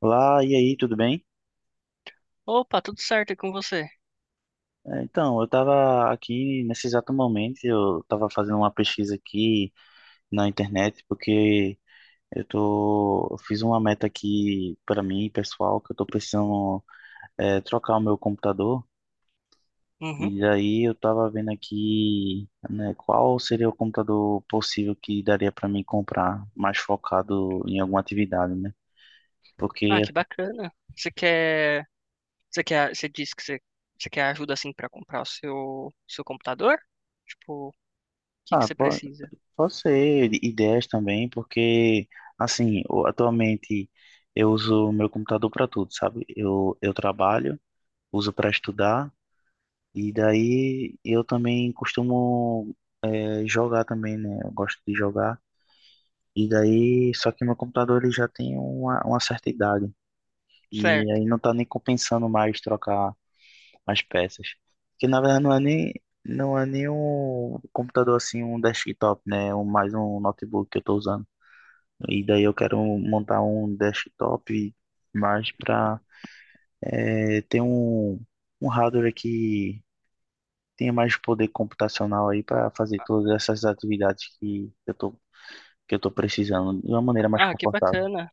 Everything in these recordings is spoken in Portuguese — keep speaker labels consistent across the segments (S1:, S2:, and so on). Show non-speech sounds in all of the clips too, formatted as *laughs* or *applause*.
S1: Olá, e aí, tudo bem?
S2: Opa, tudo certo e com você?
S1: Então, eu estava aqui nesse exato momento, eu estava fazendo uma pesquisa aqui na internet, porque eu fiz uma meta aqui para mim, pessoal, que eu estou precisando trocar o meu computador,
S2: Uhum.
S1: e daí eu estava vendo aqui, né, qual seria o computador possível que daria para mim comprar, mais focado em alguma atividade, né?
S2: Ah,
S1: Porque,
S2: que bacana. Você quer, você quer, você disse que você, você quer ajuda assim pra comprar o seu computador? Tipo, o que que
S1: ah,
S2: você
S1: pô,
S2: precisa?
S1: pode ser ideias também, porque, assim, atualmente eu uso o meu computador para tudo, sabe? Eu trabalho, uso para estudar, e daí eu também costumo jogar também, né? Eu gosto de jogar. E daí, só que meu computador ele já tem uma certa idade, e
S2: Certo.
S1: aí não tá nem compensando mais trocar as peças. Porque, na verdade, não é nem um computador assim, um desktop, né? É um, mais um notebook que eu tô usando. E daí eu quero montar um desktop mais para ter um, um hardware que tenha mais poder computacional aí para fazer todas essas atividades que que eu tô precisando de uma maneira mais
S2: Ah, que
S1: confortável.
S2: bacana.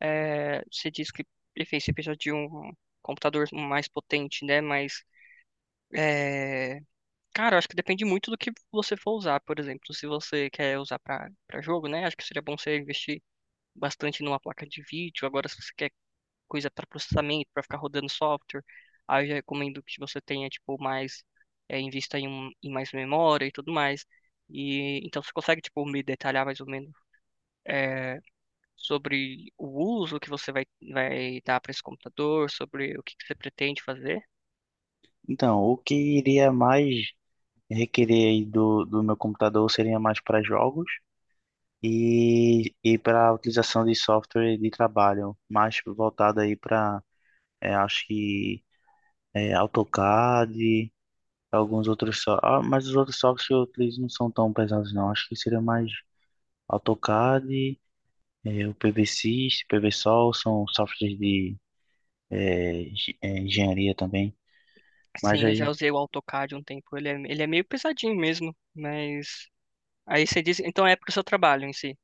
S2: É, você disse que enfim, você precisa de um computador mais potente, né? Mas, é, cara, eu acho que depende muito do que você for usar. Por exemplo, se você quer usar pra para jogo, né? Acho que seria bom você investir bastante numa placa de vídeo. Agora, se você quer coisa para processamento, para ficar rodando software. Aí eu já recomendo que você tenha, tipo, mais, invista em, em mais memória e tudo mais. E então você consegue, tipo, me detalhar mais ou menos é, sobre o uso que você vai dar para esse computador, sobre o que, que você pretende fazer?
S1: Então, o que iria mais requerer aí do meu computador seria mais para jogos e para a utilização de software de trabalho, mais voltado aí para, acho que, é, AutoCAD alguns outros só. Ah, mas os outros softwares que eu utilizo não são tão pesados, não. Acho que seria mais AutoCAD, o PVSys, PVSol, são softwares de engenharia também. Mas
S2: Sim, eu já
S1: aí,
S2: usei o AutoCAD um tempo. Ele é meio pesadinho mesmo, mas aí você diz, então é para o seu trabalho em si,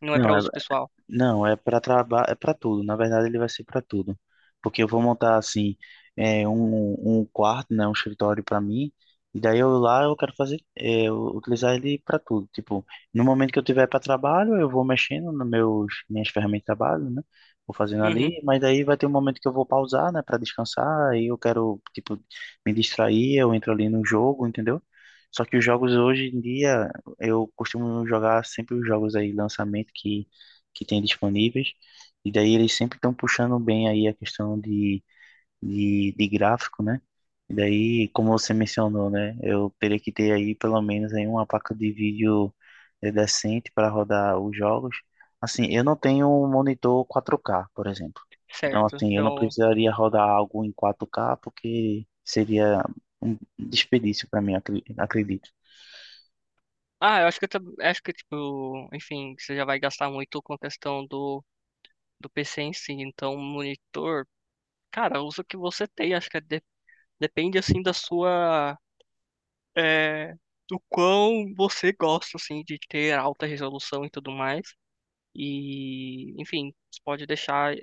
S2: não é para
S1: não, é,
S2: uso pessoal.
S1: não, é para trabalho, é para tudo. Na verdade, ele vai ser para tudo, porque eu vou montar assim um, um quarto, né, um escritório para mim. E daí eu lá eu quero fazer, é, eu utilizar ele para tudo. Tipo, no momento que eu tiver para trabalho, eu vou mexendo nos meus minhas ferramentas de trabalho, né? Vou fazendo
S2: Uhum.
S1: ali, mas daí vai ter um momento que eu vou pausar, né, para descansar. Aí eu quero tipo me distrair, eu entro ali no jogo, entendeu? Só que os jogos hoje em dia eu costumo jogar sempre os jogos aí lançamento que tem disponíveis. E daí eles sempre estão puxando bem aí a questão de gráfico, né? E daí, como você mencionou, né? Eu teria que ter aí pelo menos aí uma placa de vídeo decente para rodar os jogos. Assim, eu não tenho um monitor 4K, por exemplo. Então,
S2: Certo.
S1: assim, eu não
S2: Então,
S1: precisaria rodar algo em 4K porque seria um desperdício para mim, acredito.
S2: Eu acho que eu acho que tipo, enfim, você já vai gastar muito com a questão do do PC em si, então monitor, cara, usa o que você tem, acho que é depende assim da sua, é, do quão você gosta assim de ter alta resolução e tudo mais. E, enfim, você pode deixar,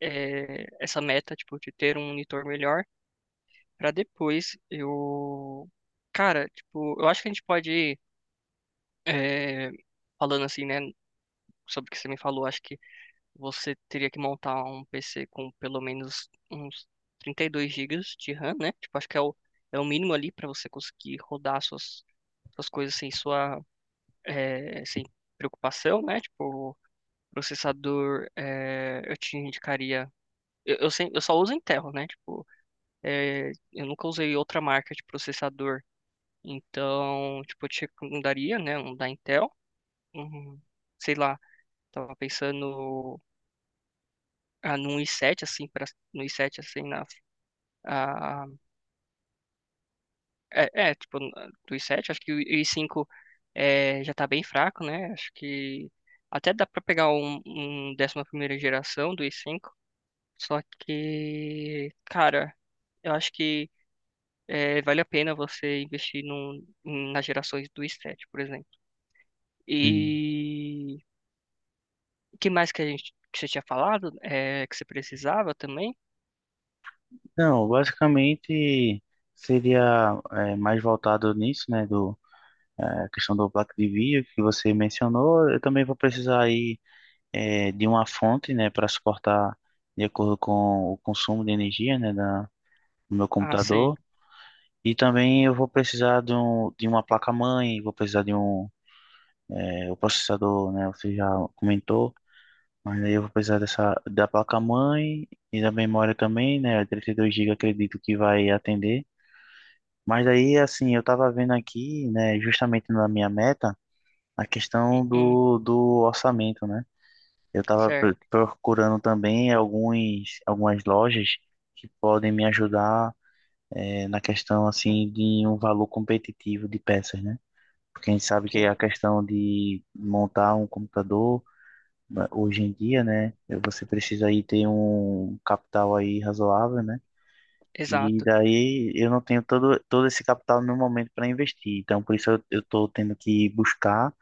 S2: essa meta, tipo, de ter um monitor melhor pra depois eu cara, tipo, eu acho que a gente pode, é, falando assim, né, sobre o que você me falou, acho que você teria que montar um PC com pelo menos uns 32 gigas de RAM, né? Tipo, acho que é o mínimo ali para você conseguir rodar suas coisas sem sua, eh, sem preocupação, né? Tipo, processador, eu te indicaria. Eu, sem- eu só uso Intel, né? Tipo, eu nunca usei outra marca de processador. Então, tipo, eu te recomendaria, né? Um da Intel. Um, sei lá, tava pensando, num i7, assim, no i7, assim, na, ah, é, é, tipo, do i7, acho que o i5 é, já tá bem fraco, né? Acho que até dá pra pegar um 11ª geração do i5, só que, cara, eu acho que, vale a pena você investir nas gerações do i7, por exemplo.
S1: Hum.
S2: E o que mais que que você tinha falado, que você precisava também?
S1: Não, basicamente seria é, mais voltado nisso, né, do é, questão do placa de vídeo que você mencionou. Eu também vou precisar aí é, de uma fonte, né, para suportar de acordo com o consumo de energia, né, da, do meu
S2: Ah, sim.
S1: computador. E também eu vou precisar de, um, de uma placa-mãe, vou precisar de um é, o processador, né, você já comentou. Mas aí eu vou precisar dessa da placa-mãe e da memória também, né, 32 GB acredito que vai atender. Mas daí, assim, eu tava vendo aqui, né, justamente na minha meta, a questão
S2: Hum.
S1: do orçamento, né? Eu tava
S2: Certo.
S1: procurando também algumas lojas que podem me ajudar, na questão, assim, de um valor competitivo de peças, né? Porque a gente sabe que
S2: Sim.
S1: a questão de montar um computador, né, hoje em dia, né, você precisa aí ter um capital aí razoável, né? E
S2: Exato.
S1: daí eu não tenho todo esse capital no momento para investir. Então, por isso eu tô tendo que buscar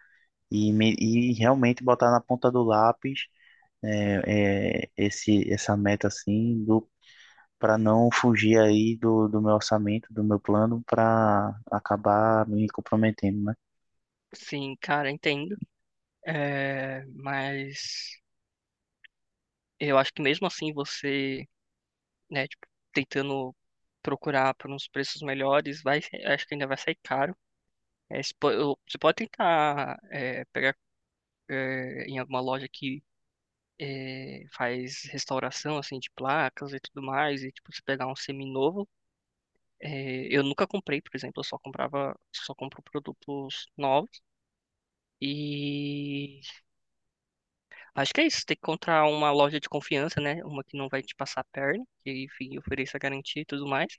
S1: e realmente botar na ponta do lápis essa meta assim, do, para não fugir aí do meu orçamento, do meu plano, para acabar me comprometendo, né?
S2: Sim, cara, entendo. É, mas eu acho que mesmo assim você, né, tipo, tentando procurar por uns preços melhores, vai, acho que ainda vai sair caro. É, se po- eu- você pode tentar, pegar, em alguma loja que, faz restauração assim de placas e tudo mais, e tipo, você pegar um seminovo. É, eu nunca comprei, por exemplo, eu só comprava, só compro produtos novos. E acho que é isso, tem que encontrar uma loja de confiança, né? Uma que não vai te passar a perna, que, enfim, ofereça garantia e tudo mais.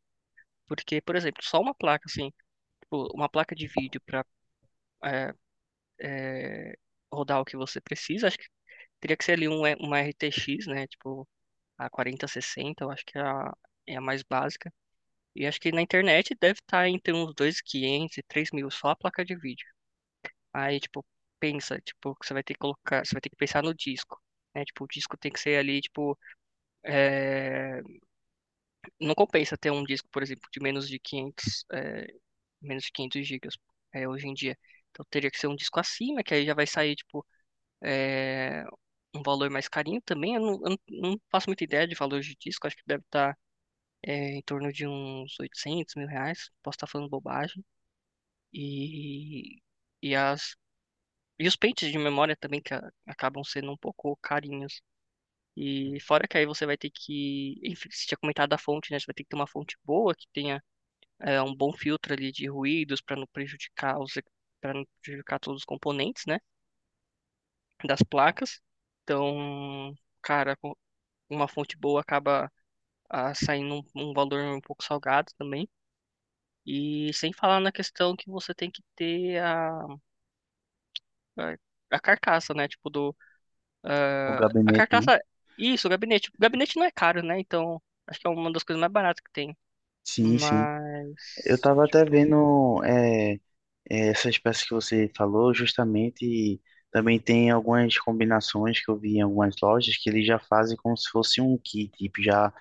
S2: Porque, por exemplo, só uma placa, assim, tipo, uma placa de vídeo para rodar o que você precisa, acho que teria que ser ali uma RTX, né? Tipo, a 4060. Eu acho que é a mais básica. E acho que na internet deve estar entre uns 2.500 e quinhentos e 3.000, só a placa de vídeo. Aí, tipo, pensa, tipo, que você vai ter que colocar, você vai ter que pensar no disco, né? Tipo, o disco tem que ser ali, tipo, é, não compensa ter um disco, por exemplo, de menos de quinhentos, menos de 500 gigas, hoje em dia. Então teria que ser um disco acima, que aí já vai sair, tipo, é, um valor mais carinho também. Eu não faço muita ideia de valor de disco, acho que deve estar, em torno de uns R$ 800 mil, posso estar falando bobagem. E, e, as, e os pentes de memória também, que acabam sendo um pouco carinhos. E fora que aí você vai ter que, enfim, você tinha comentado da fonte, né? Você vai ter que ter uma fonte boa, que tenha, um bom filtro ali de ruídos para não prejudicar os, para não prejudicar todos os componentes, né, das placas. Então, cara, com uma fonte boa acaba, saindo um valor um pouco salgado também. E sem falar na questão que você tem que ter a, a carcaça, né? Tipo
S1: O
S2: a
S1: gabinete, né?
S2: carcaça, isso, o gabinete. O gabinete não é caro, né? Então, acho que é uma das coisas mais baratas que tem.
S1: Sim, sim. Eu
S2: Mas,
S1: tava até
S2: tipo,
S1: vendo essa espécie que você falou, justamente, também tem algumas combinações que eu vi em algumas lojas que eles já fazem como se fosse um kit, tipo, já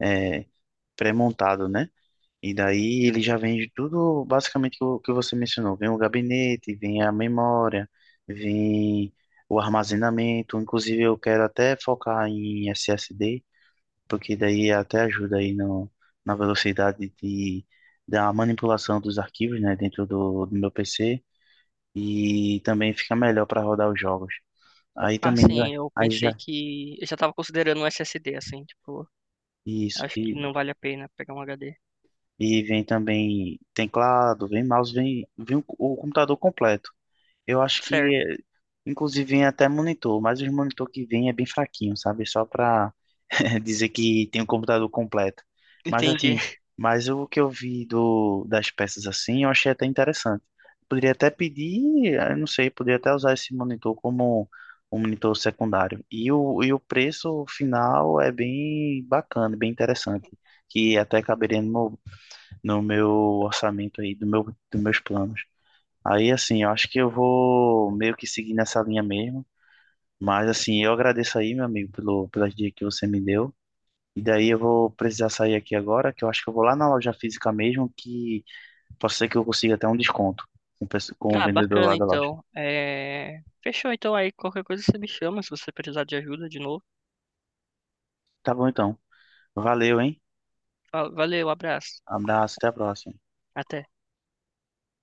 S1: é, pré-montado, né? E daí ele já vende tudo, basicamente, o que você mencionou. Vem o gabinete, vem a memória, vem o armazenamento. Inclusive, eu quero até focar em SSD, porque daí até ajuda aí no, na velocidade de, da manipulação dos arquivos, né, dentro do, do meu PC e também fica melhor para rodar os jogos. Aí também vai,
S2: assim, eu
S1: aí
S2: pensei
S1: já
S2: que. Eu já tava considerando um SSD, assim, tipo,
S1: isso
S2: acho que não vale a pena pegar um HD.
S1: e vem também teclado, vem mouse, vem, vem o computador completo. Eu acho que,
S2: Certo,
S1: eh, inclusive, vem até monitor, mas os monitor que vem é bem fraquinho, sabe? Só para *laughs* dizer que tem um computador completo. Mas
S2: entendi.
S1: assim,
S2: *laughs*
S1: mas o que eu vi do, das peças assim, eu achei até interessante. Poderia até pedir, eh, eu não sei, poderia até usar esse monitor como um monitor secundário. E o preço final é bem bacana, bem interessante, que até caberia no meu, no meu orçamento aí, do meu, dos meus planos. Aí, assim, eu acho que eu vou meio que seguir nessa linha mesmo. Mas, assim, eu agradeço aí, meu amigo, pelo, pelas dicas que você me deu. E daí eu vou precisar sair aqui agora, que eu acho que eu vou lá na loja física mesmo, que pode ser que eu consiga até um desconto com o com o
S2: Ah,
S1: vendedor lá
S2: bacana
S1: da loja.
S2: então. É... Fechou então aí, qualquer coisa você me chama se você precisar de ajuda de novo.
S1: Tá bom, então. Valeu, hein?
S2: Valeu, abraço.
S1: Abraço, até a próxima.
S2: Até.